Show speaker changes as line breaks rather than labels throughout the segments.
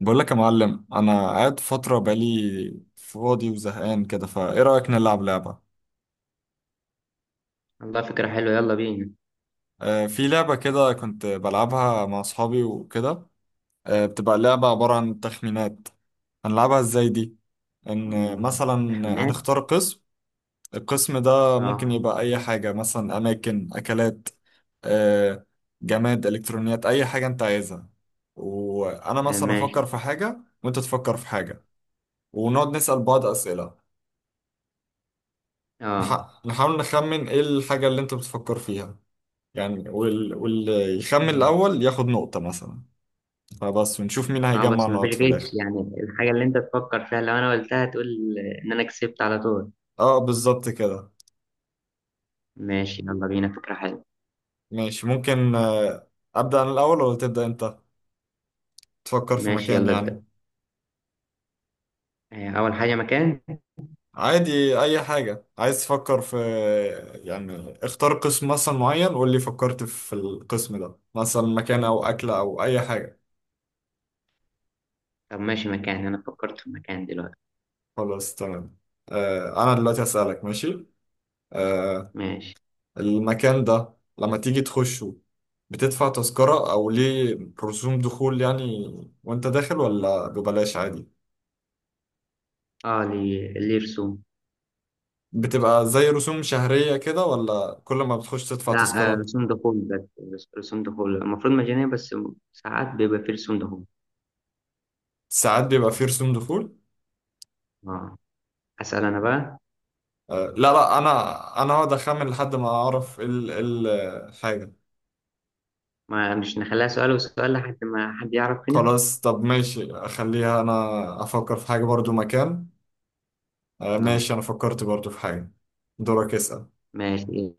بقول لك يا معلم، انا قاعد فتره بقالي فاضي وزهقان كده، فايه رايك نلعب لعبه؟
والله فكرة حلوة، يلا بينا.
آه في لعبه كده كنت بلعبها مع اصحابي وكده. آه بتبقى لعبه عباره عن تخمينات. هنلعبها ازاي دي؟ ان
مم.
مثلا
تخمينات.
هنختار قسم. القسم ده ممكن
اه.
يبقى اي حاجه، مثلا اماكن، اكلات، آه، جماد، الكترونيات، اي حاجه انت عايزها. وانا
آه،
مثلا
ماشي.
افكر في حاجه وانت تفكر في حاجه ونقعد نسال بعض اسئله.
اه.
نحاول نخمن ايه الحاجة اللي انت بتفكر فيها. يعني واللي يخمن
مم.
الأول ياخد نقطة مثلا. فبس، ونشوف مين
اه،
هيجمع
بس مفيش
نقط في الآخر.
غش، يعني الحاجة اللي انت تفكر فيها لو انا قلتها تقول ان انا كسبت على طول.
اه بالظبط كده.
ماشي يلا بينا، فكرة حلوة.
ماشي ممكن. أبدأ أنا الأول ولا تبدأ أنت؟ تفكر في
ماشي
مكان
يلا ابدأ.
يعني.
اول حاجة مكان.
عادي أي حاجة عايز تفكر في. يعني اختار قسم مثلا معين، قول لي فكرت في القسم ده، مثلا مكان أو أكلة أو أي حاجة.
طب ماشي، مكان، انا فكرت في مكان دلوقتي.
خلاص تمام. أنا دلوقتي أسألك، ماشي؟ آه،
ماشي.
المكان ده لما تيجي تخشه بتدفع تذكرة أو ليه؟ رسوم دخول يعني، وأنت داخل، ولا ببلاش عادي؟
اه، ليه رسوم.
بتبقى زي رسوم شهرية كده، ولا كل ما بتخش تدفع
لا،
تذكرة؟
رسوم دخول، بس رسوم دخول المفروض مجانية، بس ساعات بيبقى فيه رسوم دخول.
ساعات بيبقى فيه رسوم دخول.
اه. اسأل انا بقى.
لا أنا، أنا هقعد أخمن لحد ما أعرف إيه ال إيه ال حاجة.
ما مش نخليها سؤال وسؤال لحد ما حد يعرف هنا.
خلاص طب ماشي، أخليها أنا أفكر في حاجة برضو، مكان.
اه
ماشي أنا فكرت برضو في حاجة. دورك اسأل.
ماشي.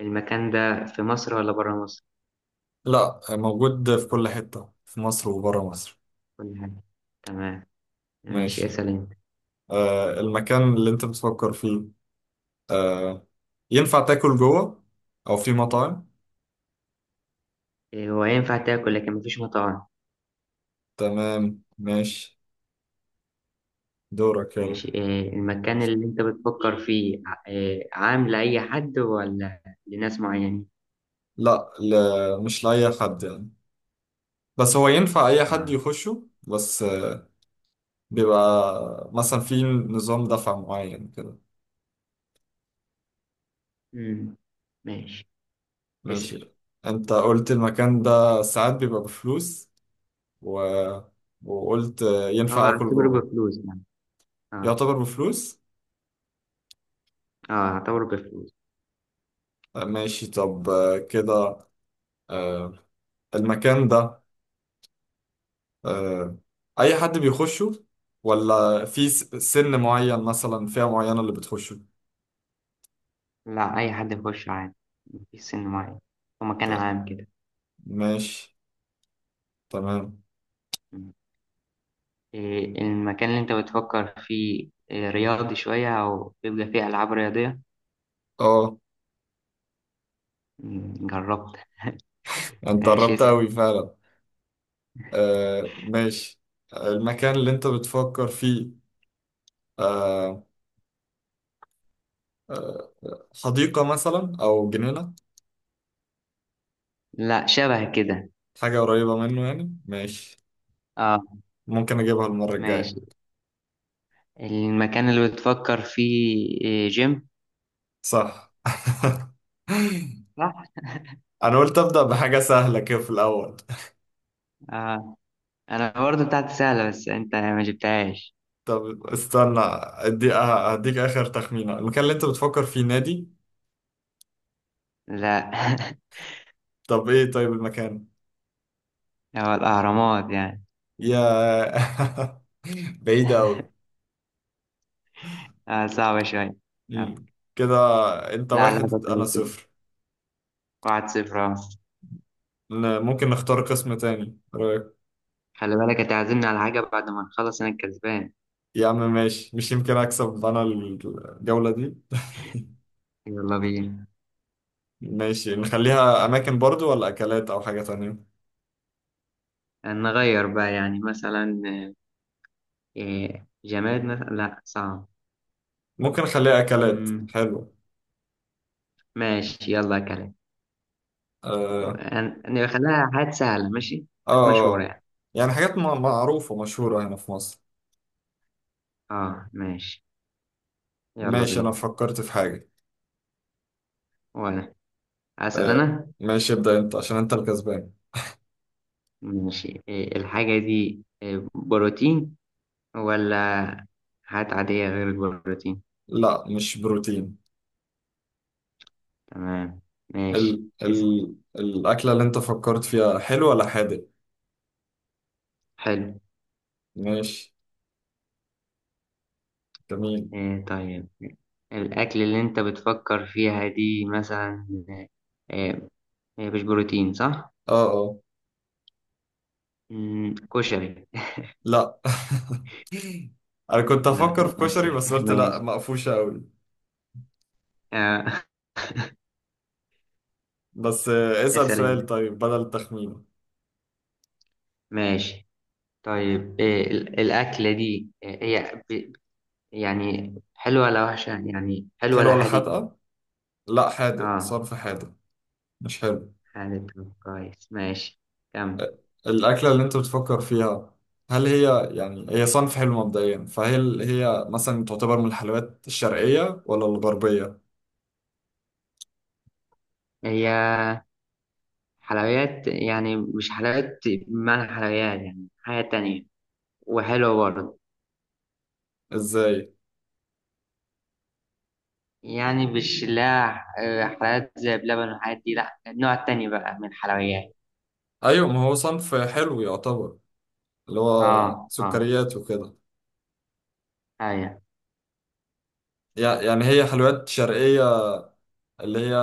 المكان ده في مصر ولا بره مصر؟
لا، موجود في كل حتة في مصر وبره مصر.
كل حاجة. تمام. ماشي
ماشي.
اسأل انت.
آه المكان اللي انت بتفكر فيه، آه، ينفع تاكل جوه او في مطاعم؟
إيه، هو ينفع تاكل لكن مفيش مطاعم.
تمام ماشي. دورك يلا.
ماشي، إيه المكان اللي انت بتفكر فيه، إيه، عام لأي حد ولا لناس معينين؟
لا مش لأي حد يعني، بس هو ينفع اي حد
اه.
يخشه، بس بيبقى مثلا في نظام دفع معين كده.
امم ماشي اسأل.
ماشي. انت قلت المكان ده ساعات بيبقى بفلوس، و... وقلت
هو
ينفع اكل
اعتبره
جوه.
بفلوس يعني. اه،
يعتبر بفلوس.
اه، اعتبره بفلوس.
ماشي طب، كده، آه، المكان ده، آه، اي حد بيخشه، ولا في سن معين، مثلا فئة معينة اللي بتخشه؟
لا، اي حد يخش عادي، مفيش سن معين، هو
ت-
مكان عام كده.
ماشي تمام.
إيه، المكان اللي انت بتفكر فيه إيه، رياضي شوية او بيبقى فيه العاب رياضية؟
اه
مم، جربت.
انت
ماشي
قربت
اسأل.
قوي فعلا. ماشي، المكان اللي انت بتفكر فيه، آه، آه، حديقة مثلا او جنينة؟
لا شبه كده.
حاجة قريبة منه يعني، ماشي،
اه.
ممكن اجيبها المرة الجاية.
ماشي، المكان اللي بتفكر فيه إيه، جيم؟
صح.
صح.
انا قلت ابدأ بحاجة سهلة كده في الاول.
آه. انا برضو بتاعتي سهلة بس انت ما جبتهاش.
طب استنى، ادي هديك اخر تخمينه، المكان اللي انت بتفكر فيه نادي؟
لا.
طب ايه طيب المكان؟
هو الاهرامات يعني.
يا. بعيد قوي
صعبة شوية. آه.
كده. انت
لا، لعبة
واحد انا
كويسة.
صفر.
واحد صفر، آه.
ممكن نختار قسم تاني، رايك؟
خلي بالك هتعزمني على حاجة بعد ما نخلص انا الكسبان.
يا عم ماشي، مش يمكن اكسب انا الجولة دي.
يلا بينا.
ماشي، نخليها اماكن برضو، ولا اكلات او حاجة تانية؟
نغير بقى يعني، مثلا إيه، جماد مثلا؟ لا صعب.
ممكن نخليها اكلات،
مم،
حلو.
ماشي يلا يا كريم.
اه
نخليها حاجات سهلة، ماشي،
اه.
حاجات مشهورة
آه.
يعني.
يعني حاجات معروفة مشهورة هنا في مصر.
اه. ماشي يلا
ماشي انا
بينا.
فكرت في حاجة.
وانا اسأل
آه،
انا.
ماشي ابدأ انت عشان انت الكسبان.
ماشي، إيه الحاجة دي، إيه، بروتين ولا حاجات عادية غير البروتين؟
لا مش بروتين.
تمام. ماشي
ال
اسأل.
ال الأكلة اللي انت فكرت فيها حلو ولا حادق؟
حلو.
ماشي، جميل.
إيه، طيب الأكل اللي أنت بتفكر فيها دي مثلا إيه، مش بروتين صح؟
اه اه.
مم، كشري.
لا. انا كنت
لا
افكر في كشري
للأسف.
بس قلت لا،
ماشي.
مقفوشة قوي.
آه،
بس اسأل
اسأل
سؤال
أنت.
طيب بدل التخمين.
ماشي طيب، الأكلة دي، هي يعني حلوة ولا وحشة، يعني حلوة
حلو
ولا
ولا
حادق؟
حادقة؟ لا حادق
اه،
صرف، حادق، مش حلو.
حادق كويس ماشي. كم.
آه، الأكلة اللي انت بتفكر فيها، هل هي يعني هي صنف حلو مبدئيا، فهل هي مثلا تعتبر من الحلويات الشرقية ولا الغربية؟
هي حلويات، يعني مش حلويات بمعنى حلويات، يعني حاجة تانية وحلوة برضه.
ازاي؟
يعني مش لا، حلويات زي بلبن والحاجات دي، لا النوع التاني بقى من الحلويات.
ايوه ما هو صنف حلو يعتبر، اللي هو
اه اه،
سكريات وكده.
ايوه.
يعني هي حلويات شرقية، اللي هي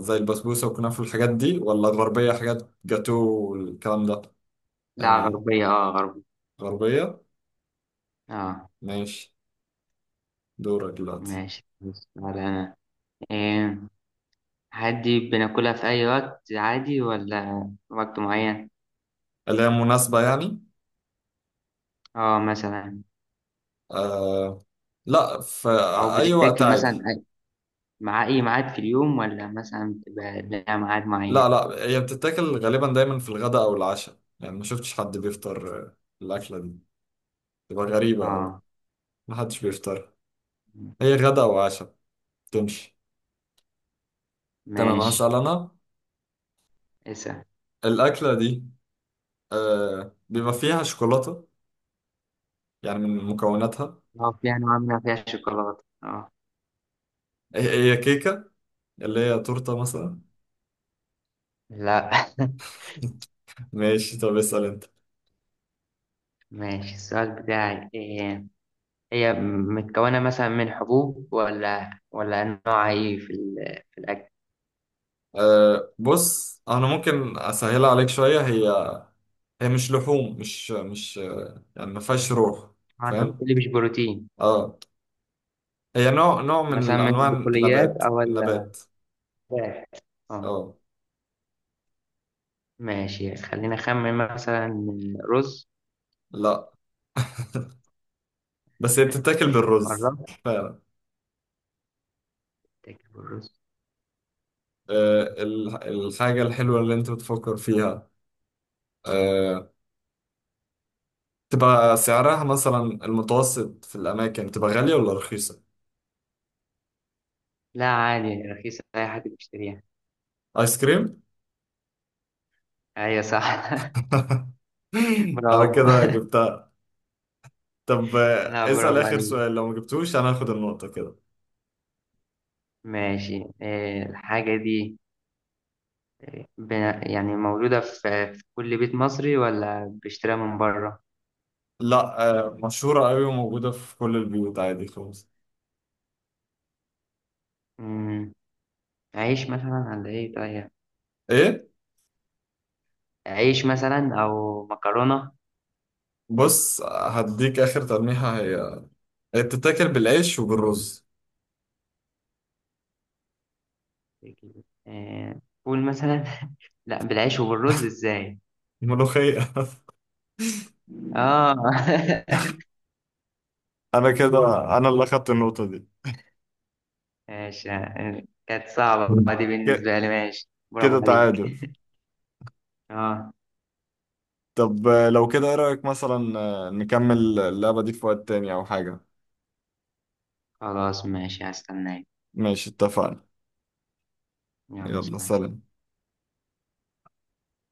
زي البسبوسة والكنافة والحاجات دي، ولا غربية حاجات جاتو والكلام ده؟
لا
يعني
غربية، اه غربية.
غربية؟
اه.
ماشي. دورك دلوقتي.
ماشي، بس على انا إيه، عادي بناكلها في اي وقت عادي ولا وقت معين؟
اللي هي مناسبة يعني؟
اه، مثلا
آه لا، في
او
أي وقت
بتتاكل
عادي.
مثلا مع اي ميعاد في اليوم ولا مثلا بتبقى لها ميعاد
لا
معين؟
لا هي بتتاكل غالبا دايما في الغداء أو العشاء، يعني ما شفتش حد بيفطر الأكلة دي، تبقى غريبة أوي.
اه.
محدش بيفطر، هي غدا وعشاء. تمشي؟ تمام
ماشي
هسأل أنا.
اسأل.
الأكلة دي آه بيبقى فيها شوكولاتة، يعني من مكوناتها؟
اه، في انواع منها فيها شوكولاتة، اه.
هي هي كيكة، اللي هي تورتة مثلا؟
لا.
ماشي طب اسأل أنت.
ماشي، السؤال بتاعي إيه. هي متكونة مثلا من حبوب ولا نوع ايه في في الأكل؟
آه بص أنا ممكن أسهلها عليك شوية، هي هي مش لحوم، مش يعني ما فيهاش روح.
اه انت قلت
فاهم؟
لي مش بروتين.
اه، هي نوع
مثلا
من
من
أنواع
البقوليات
النبات،
او ال
نبات.
فات. اه.
اه.
ماشي خلينا نخمن، مثلا رز.
لا بس هي بتتاكل
طب
بالرز.
قربت،
فعلا.
تاكل الرز.
آه
مم.
الحاجة الحلوة اللي أنت بتفكر فيها، آه، تبقى سعرها مثلا المتوسط في الأماكن تبقى غالية ولا رخيصة؟
لا عادي رخيصة، أي حد بيشتريها.
آيس كريم؟
أيوة صح.
أنا
برافو.
كده جبتها. طب
لا،
اسأل
برافو
آخر
عليك.
سؤال، لو ما جبتوش أنا هاخد النقطة كده.
ماشي، إيه الحاجة دي، ب- يعني موجودة في كل بيت مصري ولا بيشتريها من بره؟
لا مشهورة أوي وموجودة في كل البيوت عادي خالص.
مم. عيش مثلا ولا إيه طيب؟
إيه؟
عيش مثلا أو مكرونة.
بص هديك آخر تلميحة، هي هي بتتاكل بالعيش وبالرز.
قول مثلا. لا، بالعيش وبالرز ازاي؟
ملوخية.
اه.
أنا كده، أنا اللي أخدت النقطة دي.
ماشي، كانت صعبة دي
ك-
بالنسبة لي، ماشي
كده
برافو عليك.
تعادل.
اه.
طب لو كده ايه رأيك، مثلا نكمل اللعبة دي في وقت تاني او حاجة؟
خلاص ماشي، هستناك.
ماشي اتفقنا.
يلا
يلا
سلام.
سلام.